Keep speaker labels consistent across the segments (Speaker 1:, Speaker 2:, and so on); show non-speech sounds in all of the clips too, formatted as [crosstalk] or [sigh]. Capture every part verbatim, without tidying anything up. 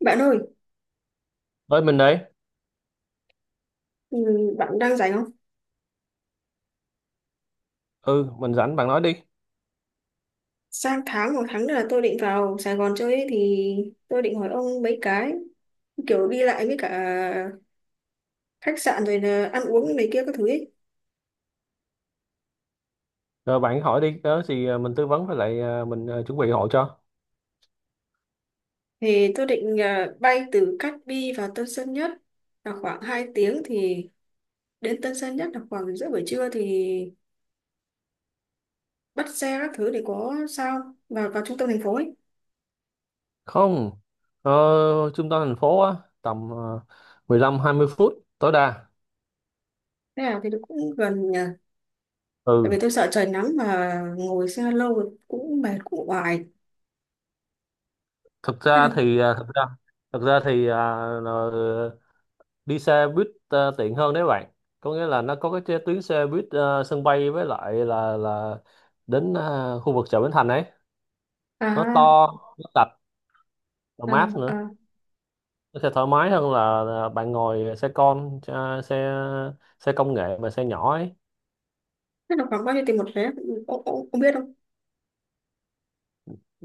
Speaker 1: Bạn ơi,
Speaker 2: Ơi mình đấy.
Speaker 1: ừ, bạn đang rảnh không?
Speaker 2: Ừ, mình rảnh bạn nói đi.
Speaker 1: Sang tháng một tháng nữa là tôi định vào Sài Gòn chơi ấy, thì tôi định hỏi ông mấy cái kiểu đi lại với cả khách sạn rồi là ăn uống này kia các thứ ấy.
Speaker 2: Rồi bạn hỏi đi, đó thì à, mình tư vấn với lại à, mình à, chuẩn bị hộ cho.
Speaker 1: Thì tôi định ờ, bay từ Cát Bi vào Tân Sơn Nhất là khoảng hai tiếng thì đến Tân Sơn Nhất là khoảng giữa buổi trưa thì bắt xe các thứ để có sao vào vào trung tâm thành phố ấy.
Speaker 2: Không. Ờ, trung tâm thành phố á, tầm ờ, mười lăm hai mươi phút tối đa.
Speaker 1: Thế nào thì nó cũng gần nhà. Tại
Speaker 2: Ừ,
Speaker 1: vì tôi sợ trời nắng mà ngồi xe lâu cũng mệt cũng oải.
Speaker 2: thực
Speaker 1: Thế
Speaker 2: ra
Speaker 1: nào?
Speaker 2: thì à, thực ra thực ra thì à, ờ, đi xe buýt à, tiện hơn đấy bạn. Có nghĩa là nó có cái chế- tuyến xe buýt à, sân bay với lại là là đến à, khu vực chợ Bến Thành ấy. Nó
Speaker 1: À,
Speaker 2: to, nó sạch, nó
Speaker 1: à,
Speaker 2: mát nữa.
Speaker 1: à.
Speaker 2: Nó sẽ thoải mái hơn là là bạn ngồi xe con à, xe xe công nghệ mà xe nhỏ ấy.
Speaker 1: Thế là khoảng bao nhiêu tiền một vé? Ông, ông, ông biết không?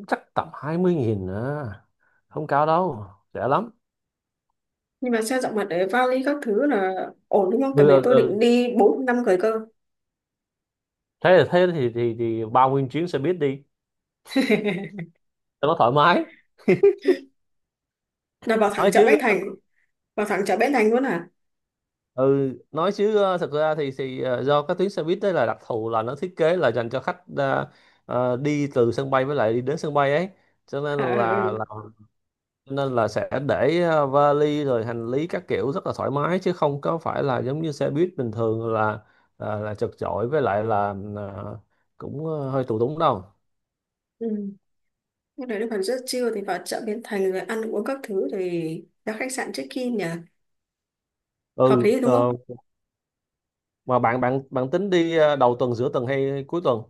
Speaker 2: Chắc tầm hai mươi nghìn à, không cao đâu, rẻ lắm.
Speaker 1: Nhưng mà xe rộng mặt để vali các thứ là ổn đúng không? Tại
Speaker 2: Ừ,
Speaker 1: vì
Speaker 2: ừ,
Speaker 1: tôi định
Speaker 2: ừ.
Speaker 1: đi bốn năm người cơ.
Speaker 2: thế là thế thì, thì thì bao nguyên chuyến xe buýt đi
Speaker 1: [laughs]
Speaker 2: cho nó thoải mái.
Speaker 1: Là vào thẳng
Speaker 2: Nói
Speaker 1: chợ
Speaker 2: chứ.
Speaker 1: Bến Thành. Vào thẳng chợ Bến Thành luôn à?
Speaker 2: Ừ nói chứ, ờ, thật ra thì thì ờ, do các tuyến xe buýt đấy là đặc thù, là nó thiết kế là dành cho khách ờ, ờ, đi từ sân bay với lại đi đến sân bay ấy, cho nên
Speaker 1: À
Speaker 2: là
Speaker 1: ừ.
Speaker 2: là nên là sẽ để ờ, vali rồi hành lý các kiểu rất là thoải mái, chứ không có phải là giống như xe buýt bình thường là là, là chật chội với lại là ờ, cũng ờ, hơi tù túng đâu.
Speaker 1: Ừ. Ừ. Lúc đấy nó còn rất chill thì vào chợ Bến Thành rồi ăn uống các thứ thì ra khách sạn check in nhỉ? Hợp
Speaker 2: Ừ
Speaker 1: lý đúng
Speaker 2: ờ,
Speaker 1: không?
Speaker 2: mà bạn bạn bạn tính đi ờ, đầu tuần, giữa tuần hay cuối tuần?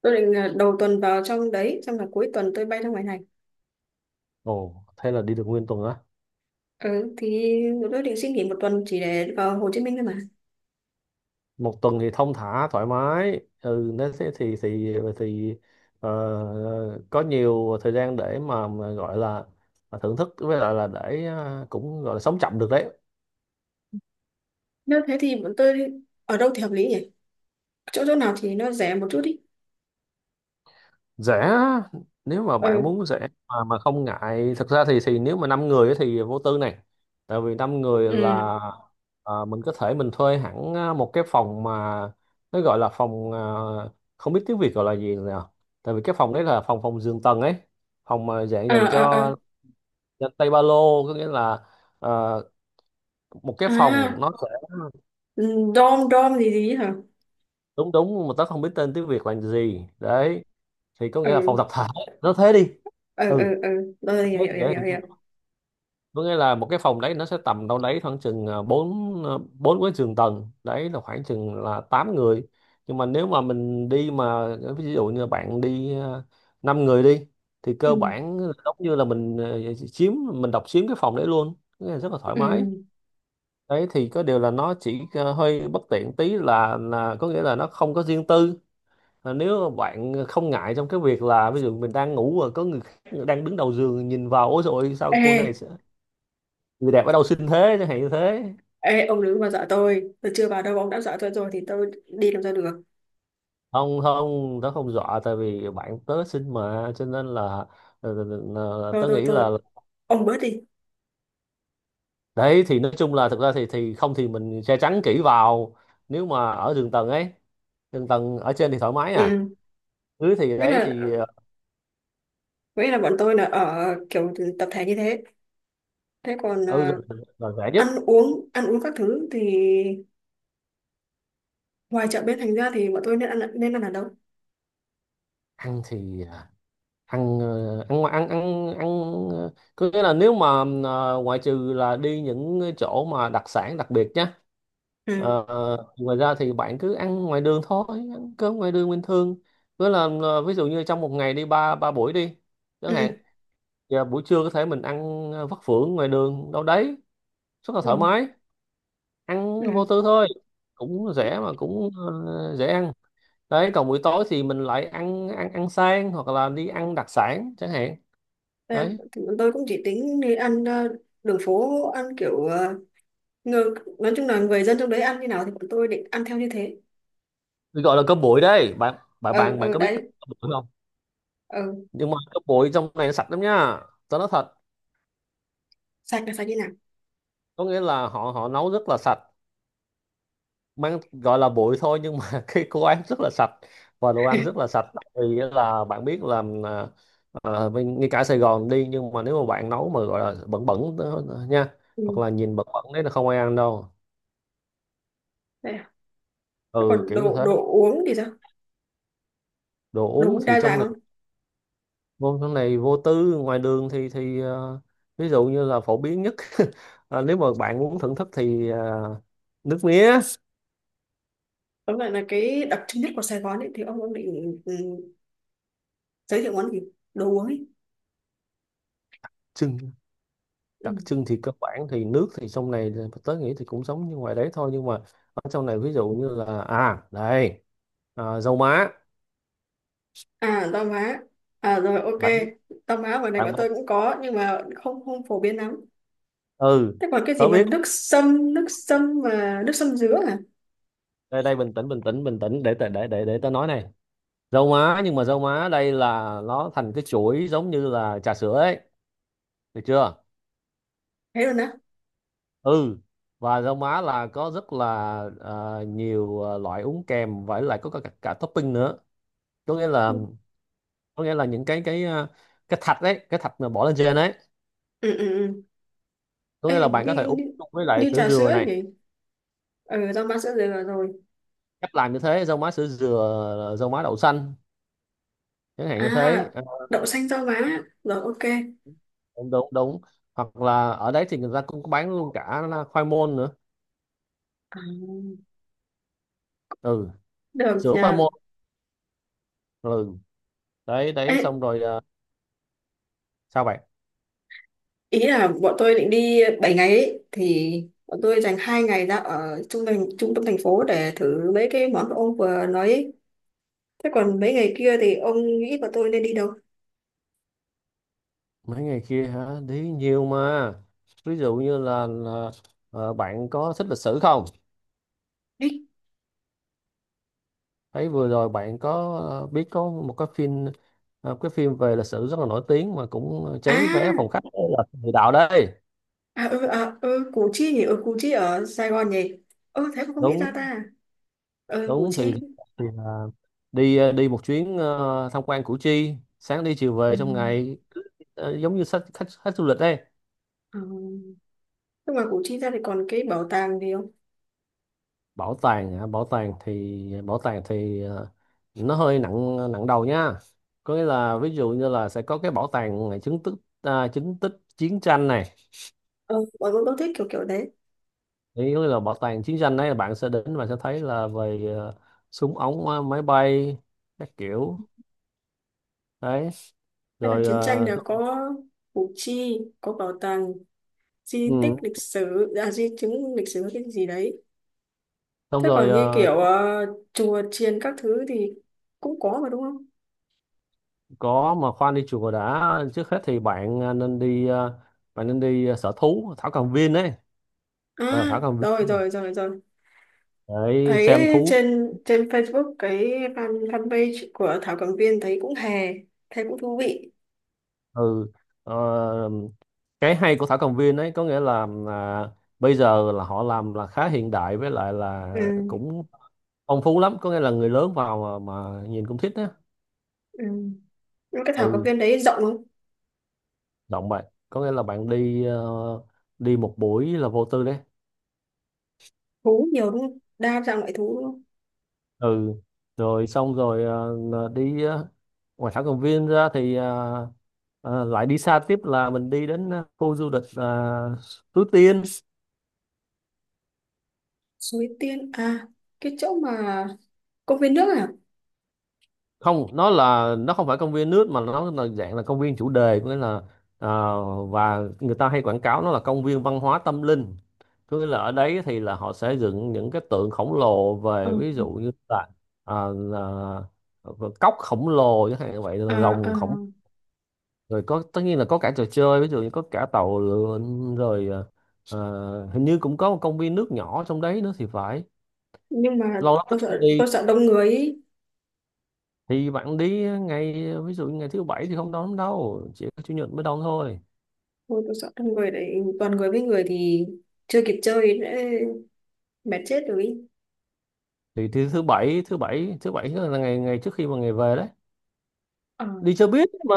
Speaker 1: Tôi định là đầu tuần vào trong đấy xong là cuối tuần tôi bay ra ngoài này.
Speaker 2: Ồ, thế là đi được nguyên tuần á?
Speaker 1: Ừ, thì tôi định xin nghỉ một tuần chỉ để vào Hồ Chí Minh thôi mà.
Speaker 2: Một tuần thì thong thả thoải mái. Ừ nếu thế thì thì thì ờ, có nhiều thời gian để mà, mà gọi là thưởng thức với lại là để ờ, cũng gọi là sống chậm được đấy.
Speaker 1: Nếu thế thì bọn tôi ở đâu thì hợp lý nhỉ? Chỗ chỗ nào thì nó rẻ một chút đi.
Speaker 2: Rẻ? Nếu mà bạn
Speaker 1: Ừ,
Speaker 2: muốn rẻ mà mà không ngại, thực ra thì thì nếu mà năm người ấy thì vô tư này. Tại vì năm người
Speaker 1: ừ.
Speaker 2: là à, mình có thể mình thuê hẳn à, một cái phòng mà nó gọi là phòng à, không biết tiếng Việt gọi là gì nào. Tại vì cái phòng đấy là phòng phòng giường tầng ấy, phòng mà dạng
Speaker 1: À,
Speaker 2: dành
Speaker 1: à, à,
Speaker 2: cho, dành tay ba lô. Có nghĩa là à, một cái
Speaker 1: à,
Speaker 2: phòng nó sẽ...
Speaker 1: ừ. Dom dom gì gì hả?
Speaker 2: Đúng đúng, mà tớ không biết tên tiếng Việt là gì đấy, thì có nghĩa là phòng
Speaker 1: Ừ,
Speaker 2: tập thể. Nó thế đi.
Speaker 1: ừ, ừ,
Speaker 2: Ừ.
Speaker 1: ừ, tôi hiểu
Speaker 2: Thế,
Speaker 1: hiểu hiểu
Speaker 2: dễ
Speaker 1: hiểu
Speaker 2: hình dung.
Speaker 1: hiểu.
Speaker 2: Có nghĩa là một cái phòng đấy nó sẽ tầm đâu đấy khoảng chừng à, bốn à, bốn cái giường tầng, đấy là khoảng chừng là tám người. Nhưng mà nếu mà mình đi mà ờ, ví dụ như bạn đi à, năm người đi, thì
Speaker 1: Ừ,
Speaker 2: cơ bản là giống như là mình à, chiếm mình độc chiếm cái phòng đấy luôn. Có nghĩa là rất là thoải
Speaker 1: ừ.
Speaker 2: mái. Đấy thì có điều là nó chỉ à, hơi bất tiện tí, là là có nghĩa là nó không có riêng tư. À, nếu mà bạn không ngại trong cái việc là ví dụ mình đang ngủ và có người khác đang đứng đầu giường nhìn vào, ôi rồi sao
Speaker 1: ê
Speaker 2: cô này, người đẹp ở đâu xinh thế, chẳng hạn như thế.
Speaker 1: ê ông đừng mà dọa tôi tôi chưa vào đâu ông đã dọa tôi rồi thì tôi đi làm sao được.
Speaker 2: Không không, tớ không dọa, tại vì bạn tớ xinh mà cho nên là ờ, ờ, ờ, ờ,
Speaker 1: Thôi,
Speaker 2: tớ
Speaker 1: thôi,
Speaker 2: nghĩ là.
Speaker 1: thôi, ông bớt đi.
Speaker 2: Đấy thì nói chung là thực ra thì thì không thì mình che chắn kỹ vào, nếu mà ở đường tầng ấy, đường tầng ở trên thì thoải mái à,
Speaker 1: Ừ,
Speaker 2: dưới thì
Speaker 1: nghĩa
Speaker 2: đấy
Speaker 1: là
Speaker 2: thì ờ,
Speaker 1: nghĩa là bọn tôi là ở kiểu tập thể như thế. Thế còn
Speaker 2: ừ, là,
Speaker 1: à,
Speaker 2: là rẻ nhất.
Speaker 1: ăn uống ăn uống các thứ thì ngoài chợ bên thành ra thì bọn tôi nên ăn nên ăn ở đâu?
Speaker 2: Ăn thì ăn ờ, ăn ngoài- ăn ăn ăn ờ, có nghĩa là nếu mà ờ, ngoại trừ là đi những cái chỗ mà đặc sản đặc biệt nhá.
Speaker 1: Ừ,
Speaker 2: Ờ, ờ, ngoài ra thì bạn cứ ăn ngoài đường thôi, ăn cơm ngoài đường bình thường. Với là ờ, ví dụ như trong một ngày đi ba ba buổi đi chẳng hạn.
Speaker 1: ừ,
Speaker 2: Giờ buổi trưa có thể mình ăn ờ, vắt phưởng ngoài đường đâu đấy, rất là thoải
Speaker 1: ừ,
Speaker 2: mái, ăn vô
Speaker 1: ừ.
Speaker 2: tư thôi, cũng rẻ mà cũng ờ, dễ ăn. Đấy còn buổi tối thì mình lại ăn ăn ăn sang hoặc là đi ăn đặc sản chẳng hạn.
Speaker 1: Em,
Speaker 2: Đấy.
Speaker 1: tôi cũng chỉ tính đi ăn ờ, đường phố, ăn kiểu ờ, người, nói chung là người dân trong đấy ăn như nào thì bọn tôi định ăn theo như thế.
Speaker 2: Tôi gọi là cơm bụi đấy bạn. bạn
Speaker 1: ờ
Speaker 2: bạn bạn
Speaker 1: ờ
Speaker 2: có biết cơm
Speaker 1: Đấy.
Speaker 2: bụi không?
Speaker 1: ờ
Speaker 2: Nhưng mà cơm bụi trong này sạch lắm nha, tao nói thật.
Speaker 1: Sạch là sạch như nào?
Speaker 2: Có nghĩa là họ họ nấu rất là sạch, mang gọi là bụi thôi nhưng mà [laughs] cái cô ăn rất là sạch, và đồ ăn rất là
Speaker 1: [laughs]
Speaker 2: sạch. Vì là bạn biết là ờ, bên- ngay cả Sài Gòn đi, nhưng mà nếu mà bạn nấu mà gọi là bẩn bẩn đó nha,
Speaker 1: Ừ,
Speaker 2: hoặc là nhìn bẩn bẩn đấy là không ai ăn đâu.
Speaker 1: đấy. Ạ. Thế
Speaker 2: Ừ
Speaker 1: còn
Speaker 2: kiểu như
Speaker 1: đồ
Speaker 2: thế.
Speaker 1: đồ uống thì sao?
Speaker 2: Đồ
Speaker 1: Đồ
Speaker 2: uống
Speaker 1: uống
Speaker 2: thì
Speaker 1: đa
Speaker 2: trong
Speaker 1: dạng không?
Speaker 2: môn sau này vô tư, ngoài đường thì thì ờ, ví dụ như là phổ biến nhất [laughs] ờ, nếu mà bạn muốn thưởng thức thì ờ, nước mía.
Speaker 1: Tóm lại là cái đặc trưng nhất của Sài Gòn ấy thì ông ông định ừ, giới thiệu món gì, đồ uống ấy?
Speaker 2: trưng
Speaker 1: Ừ.
Speaker 2: Đặc trưng thì cơ bản thì nước thì trong này là- tớ nghĩ thì cũng giống như ngoài đấy thôi, nhưng mà ở trong này ví dụ như là, à đây, ờ, dầu má.
Speaker 1: À rau má. À rồi, ok.
Speaker 2: bạn biết
Speaker 1: Rau má ngoài này
Speaker 2: bạn
Speaker 1: bọn
Speaker 2: biết-
Speaker 1: tôi cũng có nhưng mà không không phổ biến lắm.
Speaker 2: ừ.
Speaker 1: Thế còn cái gì
Speaker 2: Tớ
Speaker 1: mà
Speaker 2: biết.
Speaker 1: nước sâm, nước sâm mà nước sâm dứa à?
Speaker 2: Đây đây, bình tĩnh bình tĩnh bình tĩnh, để tớ- để để để tớ nói này. Dầu má, nhưng mà dầu má đây là nó thành cái chuỗi giống như là trà sữa ấy, được chưa?
Speaker 1: Thế rồi nè.
Speaker 2: Ừ. Và rau má là có rất là ờ, nhiều ờ, loại uống kèm, và lại có cả, cả, topping nữa. có nghĩa
Speaker 1: Ừ,
Speaker 2: là có nghĩa là những cái cái ờ, cái thạch đấy, cái thạch mà bỏ lên trên đấy.
Speaker 1: ừ. Ừ.
Speaker 2: Có nghĩa là
Speaker 1: Ê,
Speaker 2: bạn
Speaker 1: như,
Speaker 2: có thể uống
Speaker 1: như,
Speaker 2: chung với lại
Speaker 1: như
Speaker 2: sữa
Speaker 1: trà
Speaker 2: dừa
Speaker 1: sữa
Speaker 2: này,
Speaker 1: nhỉ? Ừ, rau má sữa dừa vào rồi.
Speaker 2: cách làm như thế: rau má sữa dừa, rau má đậu xanh, chẳng hạn
Speaker 1: À,
Speaker 2: như thế. Ờ,
Speaker 1: đậu xanh rau má rồi, ok.
Speaker 2: đúng đúng đúng. Hoặc là ở đấy thì người ta cũng có bán luôn cả là khoai môn nữa.
Speaker 1: À,
Speaker 2: Ừ,
Speaker 1: được
Speaker 2: sữa khoai
Speaker 1: nhờ.
Speaker 2: môn. Ừ, đấy
Speaker 1: Ê,
Speaker 2: đấy xong rồi ờ, sao bạn?
Speaker 1: ý là bọn tôi định đi bảy ngày ấy, thì bọn tôi dành hai ngày ra ở trung tâm trung tâm thành phố để thử mấy cái món ông vừa nói ấy. Thế còn mấy ngày kia thì ông nghĩ bọn tôi nên đi đâu?
Speaker 2: Mấy ngày kia hả? Đi nhiều mà. Ví dụ như là, là ờ, bạn có thích lịch sử không?
Speaker 1: Đi,
Speaker 2: Thấy vừa rồi bạn có ờ, biết có một cái phim, ờ, cái phim về lịch sử rất là nổi tiếng mà cũng
Speaker 1: à,
Speaker 2: cháy vé phòng khách, là Địa Đạo đây.
Speaker 1: à, ừ, à, ừ Củ Chi nhỉ. Ừ Củ Chi ở Sài Gòn nhỉ. Ừ thế mà không nghĩ ra
Speaker 2: Đúng
Speaker 1: ta. Ừ Củ
Speaker 2: đúng.
Speaker 1: Chi.
Speaker 2: Thì, thì là đi ờ, đi một chuyến ờ, tham quan Củ Chi, sáng đi chiều
Speaker 1: Ừ.
Speaker 2: về trong ngày. ờ, giống như khách khách, khách du lịch đây.
Speaker 1: Ừ. Nhưng mà Củ Chi ra thì còn cái bảo tàng gì không?
Speaker 2: Bảo tàng hả? Bảo tàng thì, bảo tàng thì ờ, nó hơi nặng nặng đầu nha. Có nghĩa là ví dụ như là sẽ có cái bảo tàng ngày chứng tích, à, chứng tích chiến tranh này.
Speaker 1: ờ Bọn tôi thích kiểu kiểu đấy.
Speaker 2: Thì có nghĩa là bảo tàng chiến tranh đấy là bạn sẽ đến và sẽ thấy là về ờ, súng ống, ờ, máy bay các kiểu. Đấy
Speaker 1: Hay là
Speaker 2: rồi
Speaker 1: chiến tranh
Speaker 2: ờ,
Speaker 1: là
Speaker 2: xong-
Speaker 1: có, Củ Chi có bảo tàng di tích
Speaker 2: ừ,
Speaker 1: lịch sử, à di chứng lịch sử cái gì đấy.
Speaker 2: xong
Speaker 1: Thế
Speaker 2: rồi
Speaker 1: còn như
Speaker 2: ờ,
Speaker 1: kiểu ờ, chùa chiền các thứ thì cũng có mà đúng không?
Speaker 2: có mà khoan, đi chùa đã. Trước hết thì bạn ờ, nên đi ờ, bạn nên đi ờ, sở thú Thảo Cầm Viên đấy. ờ,
Speaker 1: À
Speaker 2: Thảo Cầm Viên
Speaker 1: rồi, rồi, rồi, rồi.
Speaker 2: đấy,
Speaker 1: Thấy
Speaker 2: xem thú.
Speaker 1: trên trên Facebook cái fan fanpage của Thảo Cầm Viên thấy cũng hè, thấy cũng thú vị.
Speaker 2: Ừ. ờ, cái hay của Thảo Cầm Viên ấy có nghĩa là à, bây giờ là họ làm là khá hiện đại, với lại là
Speaker 1: Ừ,
Speaker 2: cũng phong phú lắm. Có nghĩa là người lớn vào mà, mà nhìn cũng thích á.
Speaker 1: ừ. Nhưng cái Thảo Cầm
Speaker 2: Ừ,
Speaker 1: Viên đấy rộng không?
Speaker 2: động bạn, có nghĩa là bạn đi ờ, đi một buổi là vô tư đấy.
Speaker 1: Thú nhiều đúng không? Đa dạng loại thú đúng không?
Speaker 2: Ừ, rồi xong rồi ờ, đi ờ, ngoài Thảo Cầm Viên ra thì ờ, ờ, lại đi xa tiếp, là mình đi đến ờ, khu du lịch uh, Suối Tiên.
Speaker 1: Suối Tiên à? Cái chỗ mà công viên nước à?
Speaker 2: Không, nó là nó không phải công viên nước mà nó là dạng là công viên chủ đề. Có nghĩa là ờ, và người ta hay quảng cáo nó là công viên văn hóa tâm linh. Có nghĩa là ở đấy thì là họ sẽ dựng những cái tượng khổng lồ,
Speaker 1: ờ
Speaker 2: về ví dụ như là, ờ, là ờ, cốc khổng lồ chẳng hạn như vậy,
Speaker 1: À,
Speaker 2: rồi rồng
Speaker 1: à.
Speaker 2: khổng. Rồi có, tất nhiên là có cả trò chơi, ví dụ như có cả tàu lượn, rồi ờ, ờ, hình như cũng có một công viên nước nhỏ trong đấy nữa thì phải.
Speaker 1: Nhưng mà
Speaker 2: Lâu lắm tôi
Speaker 1: tôi
Speaker 2: không
Speaker 1: sợ
Speaker 2: đi.
Speaker 1: tôi sợ đông người ý.
Speaker 2: Thì bạn đi ngày ví dụ như ngày thứ bảy thì không đón lắm đâu, chỉ có chủ nhật mới đón thôi.
Speaker 1: Ôi, tôi sợ đông người đấy, toàn người với người thì chưa kịp chơi đã mệt chết rồi ý.
Speaker 2: Thì, thì thứ bảy thứ bảy thứ bảy là ngày ngày trước khi mà ngày về đấy,
Speaker 1: Ờ.
Speaker 2: đi cho biết mà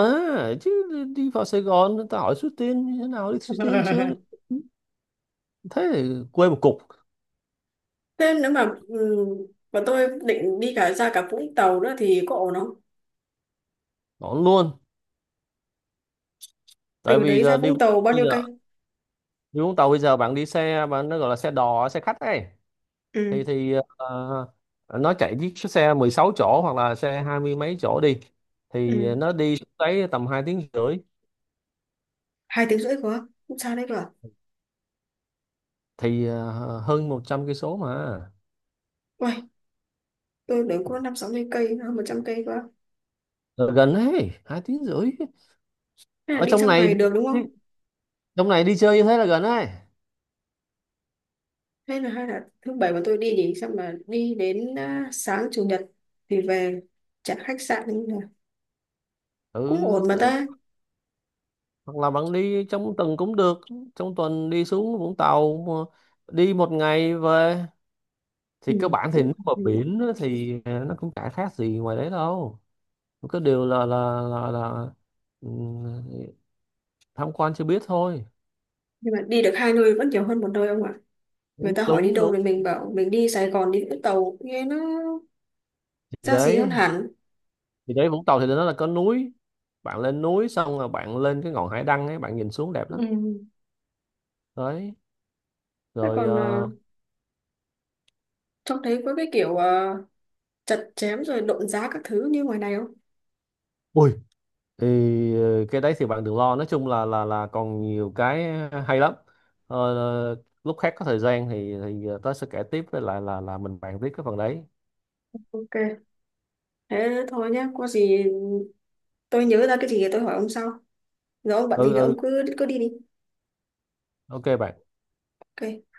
Speaker 2: chứ. Đi vào Sài Gòn người ta hỏi Suối Tiên như thế nào, đi Suối Tiên chưa,
Speaker 1: [laughs]
Speaker 2: thế thì quê một cục.
Speaker 1: Thế nếu mà ừ, mà tôi định đi cả ra cả Vũng Tàu nữa thì có ổn không?
Speaker 2: Đón luôn, tại
Speaker 1: Từ
Speaker 2: vì
Speaker 1: đấy ra
Speaker 2: giờ đi
Speaker 1: Vũng Tàu bao
Speaker 2: bây
Speaker 1: nhiêu
Speaker 2: giờ
Speaker 1: cây?
Speaker 2: đi Vũng Tàu, bây giờ bạn đi xe bạn, nó gọi là xe đò, xe khách ấy. thì
Speaker 1: Ừ,
Speaker 2: thì ờ, nó chạy chiếc xe mười sáu chỗ hoặc là xe hai mươi mấy chỗ đi, thì
Speaker 1: ừ.
Speaker 2: nó đi xuống đấy tầm hai tiếng rưỡi.
Speaker 1: Hai tiếng rưỡi quá, không xa đấy cơ à?
Speaker 2: Thì ờ, hơn một trăm cây số mà.
Speaker 1: Uầy, tôi tưởng có năm sáu mươi cây, hơn một trăm cây quá.
Speaker 2: Là gần đấy, hai tiếng rưỡi.
Speaker 1: Thế là
Speaker 2: Ở
Speaker 1: đi
Speaker 2: trong
Speaker 1: trong
Speaker 2: này,
Speaker 1: ngày được đúng không?
Speaker 2: trong này đi chơi như thế là gần đấy.
Speaker 1: Hay là hay là thứ bảy mà tôi đi nhỉ, xong là đi đến à, sáng chủ nhật thì về trả khách sạn cũng là cũng
Speaker 2: Ừ
Speaker 1: ổn mà
Speaker 2: thế.
Speaker 1: ta.
Speaker 2: Hoặc là bạn đi trong tuần cũng được, trong tuần đi xuống Vũng Tàu mà, đi một ngày về. Thì
Speaker 1: Ừ,
Speaker 2: cơ bản thì
Speaker 1: cũng
Speaker 2: nước
Speaker 1: hợp
Speaker 2: mà
Speaker 1: lý.
Speaker 2: biển á thì ờ, nó cũng chả khác gì ngoài đấy đâu. Có điều là là là, là ừ, tham quan chưa biết thôi.
Speaker 1: Nhưng mà đi được hai nơi vẫn nhiều hơn một nơi ông ạ. Người
Speaker 2: Đúng
Speaker 1: ta hỏi đi
Speaker 2: đúng
Speaker 1: đâu
Speaker 2: đúng.
Speaker 1: thì mình bảo mình đi Sài Gòn đi Vũng Tàu, nghe nó
Speaker 2: thì
Speaker 1: ra gì hơn
Speaker 2: đấy
Speaker 1: hẳn.
Speaker 2: thì đấy, Vũng Tàu thì nó là có núi, bạn lên núi xong rồi bạn lên cái ngọn hải đăng ấy, bạn nhìn xuống đẹp lắm.
Speaker 1: Ừ.
Speaker 2: Đấy
Speaker 1: Thế
Speaker 2: rồi
Speaker 1: còn à,
Speaker 2: ờ,
Speaker 1: trông thấy có cái kiểu à, chặt chém rồi độn giá các thứ như ngoài này không?
Speaker 2: Ui, thì ờ, cái đấy thì bạn đừng lo, nói chung là là là còn nhiều cái hay lắm. Ờ, ờ, lúc khác có thời gian thì thì ờ, tớ sẽ kể tiếp với lại là là mình bàn tiếp cái phần đấy.
Speaker 1: Ok. Thế thôi nhá, có gì tôi nhớ ra cái gì thì tôi hỏi ông sau. Rồi ông bận gì
Speaker 2: Ừ
Speaker 1: thì
Speaker 2: ừ,
Speaker 1: ông cứ cứ đi đi.
Speaker 2: ok bạn.
Speaker 1: Ok.